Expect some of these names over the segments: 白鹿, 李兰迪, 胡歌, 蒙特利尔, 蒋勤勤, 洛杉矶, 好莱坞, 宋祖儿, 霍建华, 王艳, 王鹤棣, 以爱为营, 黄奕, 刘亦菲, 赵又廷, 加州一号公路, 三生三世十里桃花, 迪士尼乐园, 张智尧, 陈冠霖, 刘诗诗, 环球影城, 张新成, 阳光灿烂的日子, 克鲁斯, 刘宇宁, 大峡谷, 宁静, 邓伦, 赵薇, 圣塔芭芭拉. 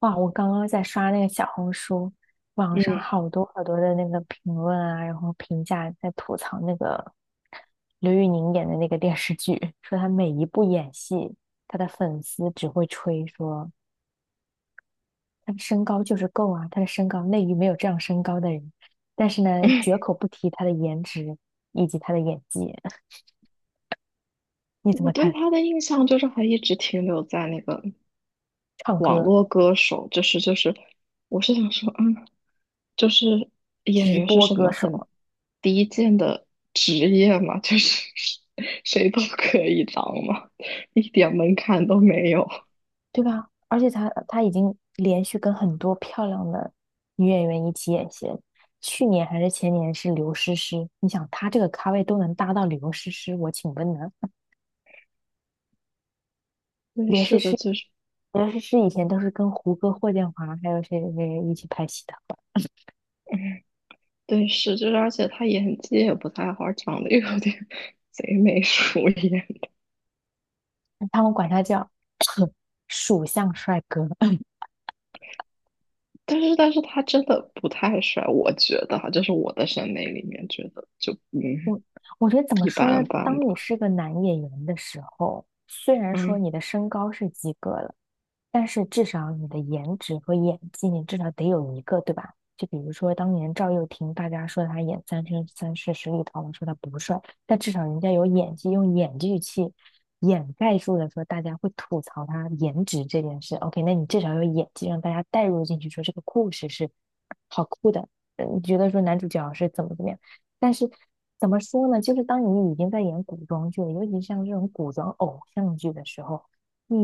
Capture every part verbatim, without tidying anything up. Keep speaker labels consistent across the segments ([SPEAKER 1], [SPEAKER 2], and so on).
[SPEAKER 1] 哇，我刚刚在刷那个小红书，网上
[SPEAKER 2] 嗯，
[SPEAKER 1] 好多好多的那个评论啊，然后评价在吐槽那个刘宇宁演的那个电视剧，说他每一部演戏，他的粉丝只会吹说他的身高就是够啊，他的身高内娱没有这样身高的人，但是呢，绝 口不提他的颜值以及他的演技。你怎
[SPEAKER 2] 我
[SPEAKER 1] 么
[SPEAKER 2] 对
[SPEAKER 1] 看？
[SPEAKER 2] 他的印象就是还一直停留在那个
[SPEAKER 1] 唱
[SPEAKER 2] 网
[SPEAKER 1] 歌，
[SPEAKER 2] 络歌手，就是就是，我是想说，嗯，就是演
[SPEAKER 1] 直
[SPEAKER 2] 员是
[SPEAKER 1] 播
[SPEAKER 2] 什
[SPEAKER 1] 歌
[SPEAKER 2] 么很
[SPEAKER 1] 手。
[SPEAKER 2] 低贱的职业嘛，就是 谁都可以当嘛，一点门槛都没有。
[SPEAKER 1] 对吧？而且他他已经连续跟很多漂亮的女演员一起演戏了。去年还是前年是刘诗诗，你想他这个咖位都能搭到刘诗诗，我请问呢？
[SPEAKER 2] 对，
[SPEAKER 1] 刘诗
[SPEAKER 2] 是的，
[SPEAKER 1] 诗，
[SPEAKER 2] 就是，
[SPEAKER 1] 刘诗诗以前都是跟胡歌、霍建华还有谁谁谁一起拍戏的，
[SPEAKER 2] 嗯，对，是就是，而且他演技也不太好，长得又有点 贼眉鼠眼。
[SPEAKER 1] 他们管他叫 属相帅哥。
[SPEAKER 2] 但是但是他真的不太帅，我觉得哈，就是我的审美里面觉得就嗯
[SPEAKER 1] 我我觉得怎么
[SPEAKER 2] 一
[SPEAKER 1] 说
[SPEAKER 2] 般
[SPEAKER 1] 呢？
[SPEAKER 2] 般
[SPEAKER 1] 当你
[SPEAKER 2] 吧，
[SPEAKER 1] 是个男演员的时候，虽然说
[SPEAKER 2] 嗯，
[SPEAKER 1] 你的身高是及格了，但是至少你的颜值和演技，你至少得有一个，对吧？就比如说当年赵又廷，大家说他演《三生三世十里桃花》说他不帅，但至少人家有演技，用演技去掩盖住了说大家会吐槽他颜值这件事。OK，那你至少有演技，让大家带入进去，说这个故事是好酷的。呃你觉得说男主角是怎么怎么样？但是怎么说呢？就是当你已经在演古装剧了，尤其像这种古装偶像剧的时候，你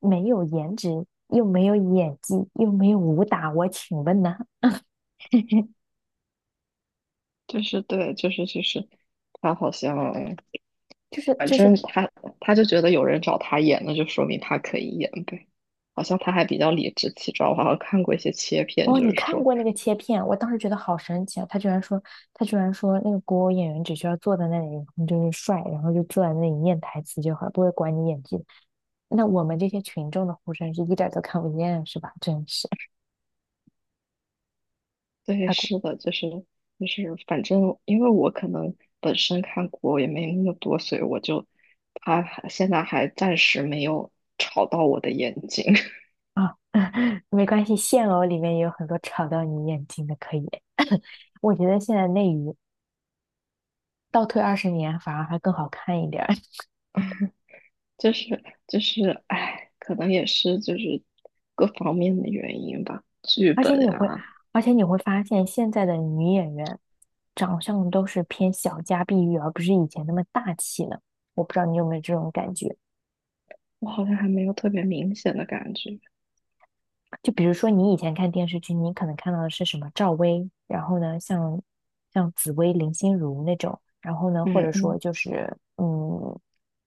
[SPEAKER 1] 没有颜值，又没有演技，又没有武打，我请问呢？
[SPEAKER 2] 就是对，就是就是他好像
[SPEAKER 1] 就是
[SPEAKER 2] 反
[SPEAKER 1] 就是
[SPEAKER 2] 正他他就觉得有人找他演，那就说明他可以演呗。好像他还比较理直气壮，我好像看过一些切片，
[SPEAKER 1] 哦，
[SPEAKER 2] 就
[SPEAKER 1] 你
[SPEAKER 2] 是
[SPEAKER 1] 看
[SPEAKER 2] 说，
[SPEAKER 1] 过那个切片？我当时觉得好神奇啊！他居然说他居然说那个古偶演员只需要坐在那里，然后就是帅，然后就坐在那里念台词就好，不会管你演技。那我们这些群众的呼声是一点儿都看不见，是吧？真是。
[SPEAKER 2] 对，
[SPEAKER 1] 太过。
[SPEAKER 2] 是的，就是就是，反正因为我可能本身看过也没那么多，所以我就他还现在还暂时没有吵到我的眼睛。
[SPEAKER 1] 啊，没关系，现偶里面也有很多吵到你眼睛的，可以。我觉得现在内娱倒退二十年反而还更好看一点儿。
[SPEAKER 2] 就是就是，哎，可能也是就是各方面的原因吧。剧
[SPEAKER 1] 而
[SPEAKER 2] 本
[SPEAKER 1] 且你会，
[SPEAKER 2] 啊，
[SPEAKER 1] 而且你会发现现在的女演员长相都是偏小家碧玉，而不是以前那么大气了。我不知道你有没有这种感觉。
[SPEAKER 2] 我好像还没有特别明显的感觉。
[SPEAKER 1] 就比如说你以前看电视剧，你可能看到的是什么赵薇，然后呢，像像紫薇、林心如那种，然后呢，或
[SPEAKER 2] 嗯
[SPEAKER 1] 者说
[SPEAKER 2] 嗯
[SPEAKER 1] 就是嗯，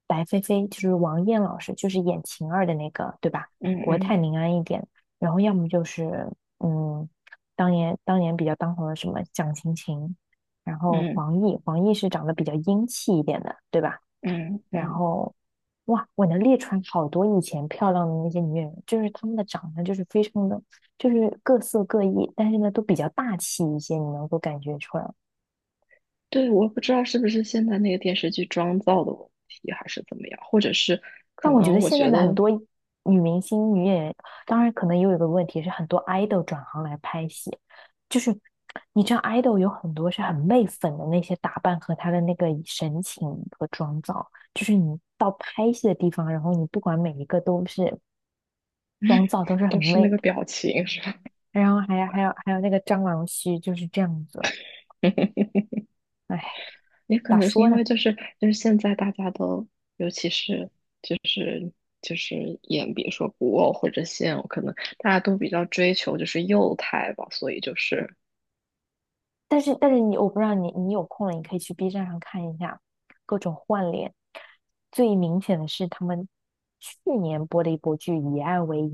[SPEAKER 1] 白飞飞，就是王艳老师，就是演晴儿的那个，对吧？
[SPEAKER 2] 嗯
[SPEAKER 1] 国泰
[SPEAKER 2] 嗯
[SPEAKER 1] 民安一点，然后要么就是嗯，当年当年比较当红的什么蒋勤勤，然后
[SPEAKER 2] 嗯
[SPEAKER 1] 黄奕，黄奕是长得比较英气一点的，对吧？
[SPEAKER 2] 嗯
[SPEAKER 1] 然
[SPEAKER 2] 嗯，
[SPEAKER 1] 后哇，我能列出来好多以前漂亮的那些女演员，就是她们的长相就是非常的，就是各色各异，但是呢都比较大气一些，你能够感觉出来。
[SPEAKER 2] 对，我不知道是不是现在那个电视剧妆造的问题，还是怎么样，或者是可
[SPEAKER 1] 但我觉得
[SPEAKER 2] 能我
[SPEAKER 1] 现在
[SPEAKER 2] 觉
[SPEAKER 1] 的很
[SPEAKER 2] 得
[SPEAKER 1] 多女明星、女演员，当然可能也有一个问题是，很多 idol 转行来拍戏，就是你知道 idol 有很多是很媚粉的那些打扮和她的那个神情和妆造，就是你到拍戏的地方，然后你不管每一个都是妆造都是很
[SPEAKER 2] 都是那
[SPEAKER 1] 媚。
[SPEAKER 2] 个表情，是吧？
[SPEAKER 1] 然后还有还有还有那个蟑螂须就是这样子，哎，
[SPEAKER 2] 也可
[SPEAKER 1] 咋
[SPEAKER 2] 能是
[SPEAKER 1] 说
[SPEAKER 2] 因
[SPEAKER 1] 呢？
[SPEAKER 2] 为就是就是现在大家都，尤其是就是就是演比如说古偶或者现偶，可能大家都比较追求就是幼态吧，所以就是，
[SPEAKER 1] 但是但是你我不知道你你有空了，你可以去 B 站上看一下各种换脸。最明显的是他们去年播的一部剧《以爱为营》，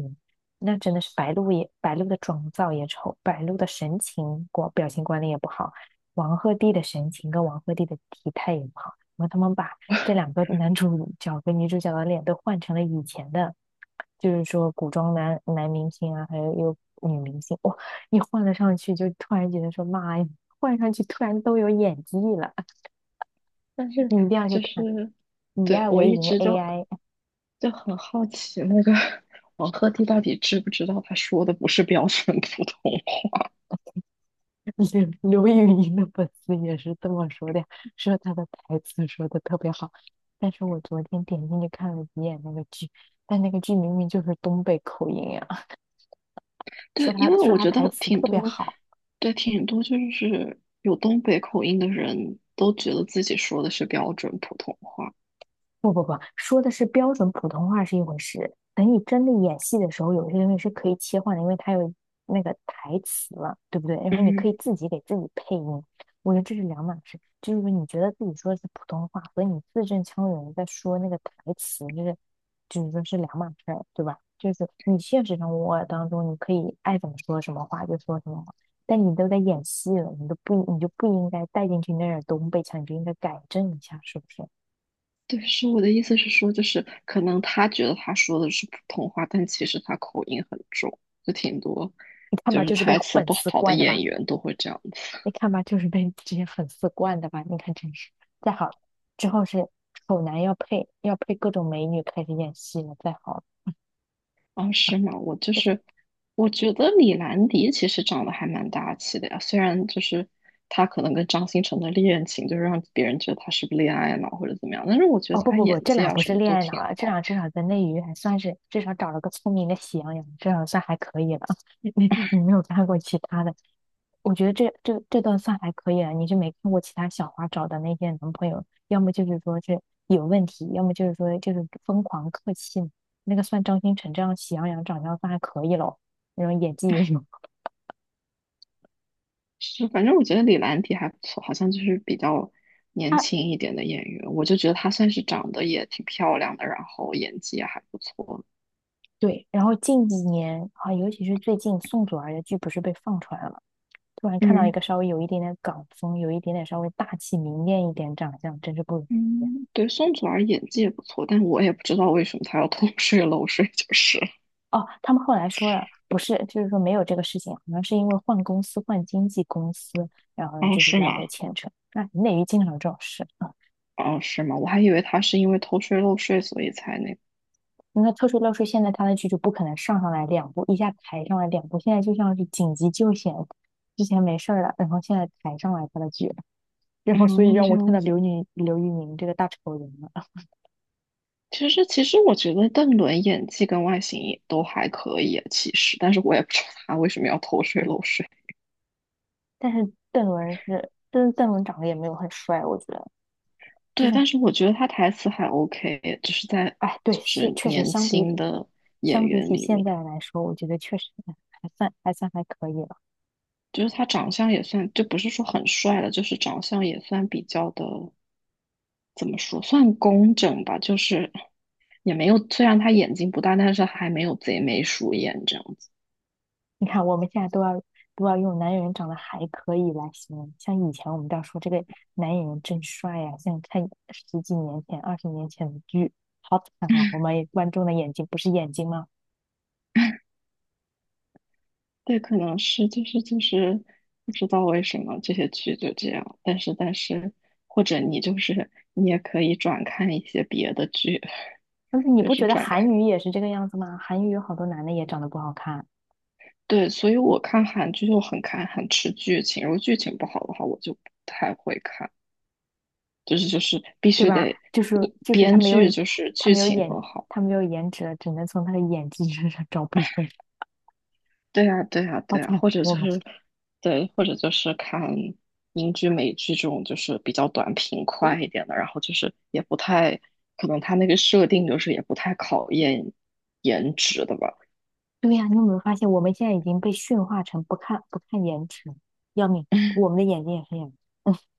[SPEAKER 1] 那真的是白鹿也白鹿的妆造也丑，白鹿的神情管表情管理也不好，王鹤棣的神情跟王鹤棣的体态也不好。然后他们把这两个男主角跟女主角的脸都换成了以前的，就是说古装男男明星啊，还有有女明星，哇，一换了上去就突然觉得说妈呀！换上去突然都有演技了，
[SPEAKER 2] 但
[SPEAKER 1] 你
[SPEAKER 2] 是
[SPEAKER 1] 一定要去
[SPEAKER 2] 就
[SPEAKER 1] 看。
[SPEAKER 2] 是
[SPEAKER 1] 以
[SPEAKER 2] 对
[SPEAKER 1] 爱
[SPEAKER 2] 我
[SPEAKER 1] 为
[SPEAKER 2] 一
[SPEAKER 1] 营
[SPEAKER 2] 直就
[SPEAKER 1] A I,
[SPEAKER 2] 就很好奇那个 王鹤棣到底知不知道他说的不是标准普通话？
[SPEAKER 1] 刘 刘宇宁的粉丝也是这么说的，说他的台词说的特别好。但是我昨天点进去看了几眼那个剧，但那个剧明明就是东北口音呀，
[SPEAKER 2] 对，
[SPEAKER 1] 说
[SPEAKER 2] 因
[SPEAKER 1] 他
[SPEAKER 2] 为
[SPEAKER 1] 说
[SPEAKER 2] 我
[SPEAKER 1] 他
[SPEAKER 2] 觉得
[SPEAKER 1] 台词
[SPEAKER 2] 挺
[SPEAKER 1] 特别
[SPEAKER 2] 多，
[SPEAKER 1] 好。
[SPEAKER 2] 对挺多就是有东北口音的人都觉得自己说的是标准普通话。
[SPEAKER 1] 不不不，说的是标准普通话是一回事，等你真的演戏的时候，有些东西是可以切换的，因为它有那个台词了，对不对？然后你
[SPEAKER 2] 嗯，
[SPEAKER 1] 可以自己给自己配音，我觉得这是两码事。就是说你觉得自己说的是普通话，和你字正腔圆地在说那个台词，就是就是说是两码事儿，对吧？就是你现实生活当中，你可以爱怎么说什么话就说什么话，但你都在演戏了，你都不你就不应该带进去那点东北腔，你就应该改正一下，是不是？
[SPEAKER 2] 对，是我的意思是说，就是可能他觉得他说的是普通话，但其实他口音很重，就挺多，
[SPEAKER 1] 你看
[SPEAKER 2] 就
[SPEAKER 1] 吧，
[SPEAKER 2] 是
[SPEAKER 1] 就是被
[SPEAKER 2] 台词
[SPEAKER 1] 粉
[SPEAKER 2] 不
[SPEAKER 1] 丝
[SPEAKER 2] 好的
[SPEAKER 1] 惯的吧？
[SPEAKER 2] 演员都会这样子。
[SPEAKER 1] 你看吧，就是被这些粉丝惯的吧？你看真是，再好之后是丑男要配要配各种美女开始演戏了，再好
[SPEAKER 2] 啊，是吗？我就
[SPEAKER 1] 就是
[SPEAKER 2] 是，我觉得李兰迪其实长得还蛮大气的呀，虽然就是他可能跟张新成的恋情，就是让别人觉得他是不是恋爱脑或者怎么样，但是我觉得
[SPEAKER 1] 哦不
[SPEAKER 2] 他
[SPEAKER 1] 不不，
[SPEAKER 2] 演
[SPEAKER 1] 这
[SPEAKER 2] 技
[SPEAKER 1] 俩
[SPEAKER 2] 啊
[SPEAKER 1] 不
[SPEAKER 2] 什
[SPEAKER 1] 是
[SPEAKER 2] 么
[SPEAKER 1] 恋
[SPEAKER 2] 都
[SPEAKER 1] 爱脑
[SPEAKER 2] 挺
[SPEAKER 1] 了，这俩
[SPEAKER 2] 好。
[SPEAKER 1] 至少在内娱还算是至少找了个聪明的喜羊羊，这样算还可以了。你你没有看过其他的，我觉得这这这段算还可以了，你是没看过其他小花找的那些男朋友，要么就是说是有问题，要么就是说就是疯狂客气。那个算张新成这样喜羊羊长相算还可以咯，那种演技也有。
[SPEAKER 2] 是，反正我觉得李兰迪还不错，好像就是比较年
[SPEAKER 1] 啊。
[SPEAKER 2] 轻一点的演员，我就觉得她算是长得也挺漂亮的，然后演技也还不错。
[SPEAKER 1] 对，然后近几年啊，尤其是最近宋祖儿的剧不是被放出来了吗？突然看到一个
[SPEAKER 2] 嗯
[SPEAKER 1] 稍微有一点点港风，有一点点稍微大气明艳一点长相，真是不容易。
[SPEAKER 2] 嗯，对，宋祖儿演技也不错，但我也不知道为什么她要偷税漏税，就是。
[SPEAKER 1] 哦，他们后来说了，不是，就是说没有这个事情，好像是因为换公司、换经纪公司，然后呢
[SPEAKER 2] 哦，
[SPEAKER 1] 就是
[SPEAKER 2] 是
[SPEAKER 1] 来
[SPEAKER 2] 吗？
[SPEAKER 1] 回牵扯。那内娱经常有这种事啊。
[SPEAKER 2] 哦，是吗？我还以为她是因为偷税漏税所以才那个。
[SPEAKER 1] 那特殊乐视现在他的剧就不可能上上来两部，一下抬上来两部，现在就像是紧急救险，之前没事儿了，然后现在抬上来他的剧，然后所以
[SPEAKER 2] 嗯，
[SPEAKER 1] 让
[SPEAKER 2] 这
[SPEAKER 1] 我看
[SPEAKER 2] 样
[SPEAKER 1] 到
[SPEAKER 2] 子。
[SPEAKER 1] 刘宁、刘宇宁这个大丑人了。
[SPEAKER 2] 其实，其实我觉得邓伦演技跟外形也都还可以啊，其实，但是我也不知道他为什么要偷税漏税。
[SPEAKER 1] 但是邓伦是，邓邓伦长得也没有很帅，我觉得。就
[SPEAKER 2] 对，
[SPEAKER 1] 是。
[SPEAKER 2] 但是我觉得他台词还 OK,就是在
[SPEAKER 1] 哎，对，
[SPEAKER 2] 就
[SPEAKER 1] 确
[SPEAKER 2] 是
[SPEAKER 1] 确实
[SPEAKER 2] 年
[SPEAKER 1] 相比
[SPEAKER 2] 轻
[SPEAKER 1] 起
[SPEAKER 2] 的演
[SPEAKER 1] 相比
[SPEAKER 2] 员
[SPEAKER 1] 起
[SPEAKER 2] 里
[SPEAKER 1] 现
[SPEAKER 2] 面，
[SPEAKER 1] 在来说，我觉得确实还算还算还可以了。
[SPEAKER 2] 就是他长相也算，就不是说很帅了，就是长相也算比较的，怎么说，算工整吧，就是也没有，虽然他眼睛不大，但是还没有贼眉鼠眼这样子。
[SPEAKER 1] 你看，我们现在都要都要用男演员长得还可以来形容，像以前我们都要说这个男演员真帅呀、像看十几年前、二十年前的剧，好惨啊！我们观众的眼睛不是眼睛吗？
[SPEAKER 2] 对，可能是就是就是不知道为什么这些剧就这样，但是但是或者你就是你也可以转看一些别的剧，
[SPEAKER 1] 但是你
[SPEAKER 2] 就
[SPEAKER 1] 不
[SPEAKER 2] 是
[SPEAKER 1] 觉得
[SPEAKER 2] 转
[SPEAKER 1] 韩
[SPEAKER 2] 看。
[SPEAKER 1] 语也是这个样子吗？韩语有好多男的也长得不好看，
[SPEAKER 2] 对，所以我看韩剧就很看很吃剧情，如果剧情不好的话，我就不太会看。就是就是必
[SPEAKER 1] 对
[SPEAKER 2] 须
[SPEAKER 1] 吧？
[SPEAKER 2] 得
[SPEAKER 1] 就是就是他
[SPEAKER 2] 编
[SPEAKER 1] 没有
[SPEAKER 2] 剧就是
[SPEAKER 1] 他
[SPEAKER 2] 剧
[SPEAKER 1] 没有
[SPEAKER 2] 情
[SPEAKER 1] 演
[SPEAKER 2] 很好。
[SPEAKER 1] 他没有颜值了，只能从他的演技身上找补回来。
[SPEAKER 2] 对呀，对呀，
[SPEAKER 1] 好
[SPEAKER 2] 对呀，
[SPEAKER 1] 惨，
[SPEAKER 2] 或者
[SPEAKER 1] 我
[SPEAKER 2] 就
[SPEAKER 1] 们。
[SPEAKER 2] 是对，或者就是看英剧、美剧这种就是比较短平快一点的，然后就是也不太可能他那个设定就是也不太考验颜值的吧。
[SPEAKER 1] 对呀，你有没有发现，我们现在已经被驯化成不看不看颜值，要命！我们的眼睛也是眼，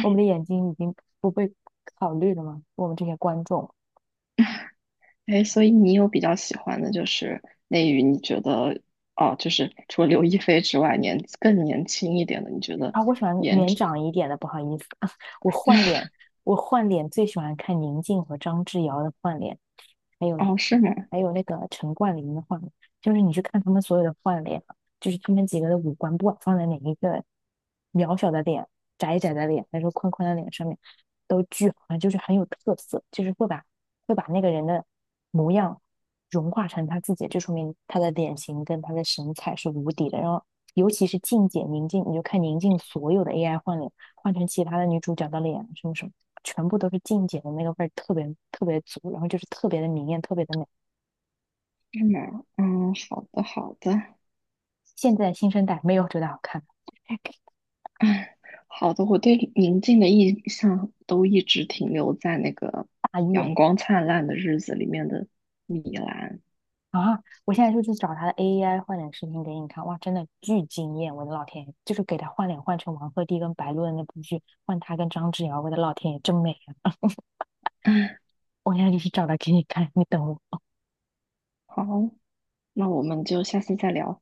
[SPEAKER 1] 我们的眼睛已经不被考虑了吗？我们这些观众。
[SPEAKER 2] 哎，所以你有比较喜欢的就是内娱，你觉得哦，就是除了刘亦菲之外，年更年轻一点的，你觉得
[SPEAKER 1] 啊，我喜欢
[SPEAKER 2] 颜
[SPEAKER 1] 年
[SPEAKER 2] 值
[SPEAKER 1] 长一点的，不好意思，我换脸，我换脸最喜欢看宁静和张智尧的换脸，还有
[SPEAKER 2] 哦，是吗？
[SPEAKER 1] 还有那个陈冠霖的换脸，就是你去看他们所有的换脸，就是他们几个的五官，不管放在哪一个渺小的脸、窄窄的脸，还是宽宽的脸上面，都巨好看，就是很有特色，就是会把会把那个人的模样融化成他自己，就说明他的脸型跟他的神采是无敌的。然后尤其是静姐宁静，你就看宁静所有的 A I 换脸，换成其他的女主角的脸，什么什么，全部都是静姐的那个味儿特别特别足，然后就是特别的明艳，特别的美。
[SPEAKER 2] 是吗？嗯，好的，好的，
[SPEAKER 1] 现在新生代没有觉得好看。
[SPEAKER 2] 哎，好的，我对宁静的印象都一直停留在那个
[SPEAKER 1] 大意了
[SPEAKER 2] 《阳光灿烂的日子》里面的米兰。
[SPEAKER 1] 啊！我现在就去找她的 A I 换脸视频给你看，哇，真的巨惊艳！我的老天爷，就是给她换脸换成王鹤棣跟白鹿的那部剧，换她跟张智尧，我的老天爷，真美啊！
[SPEAKER 2] 哎，
[SPEAKER 1] 我现在就去找她给你看，你等我。
[SPEAKER 2] 好，那我们就下次再聊。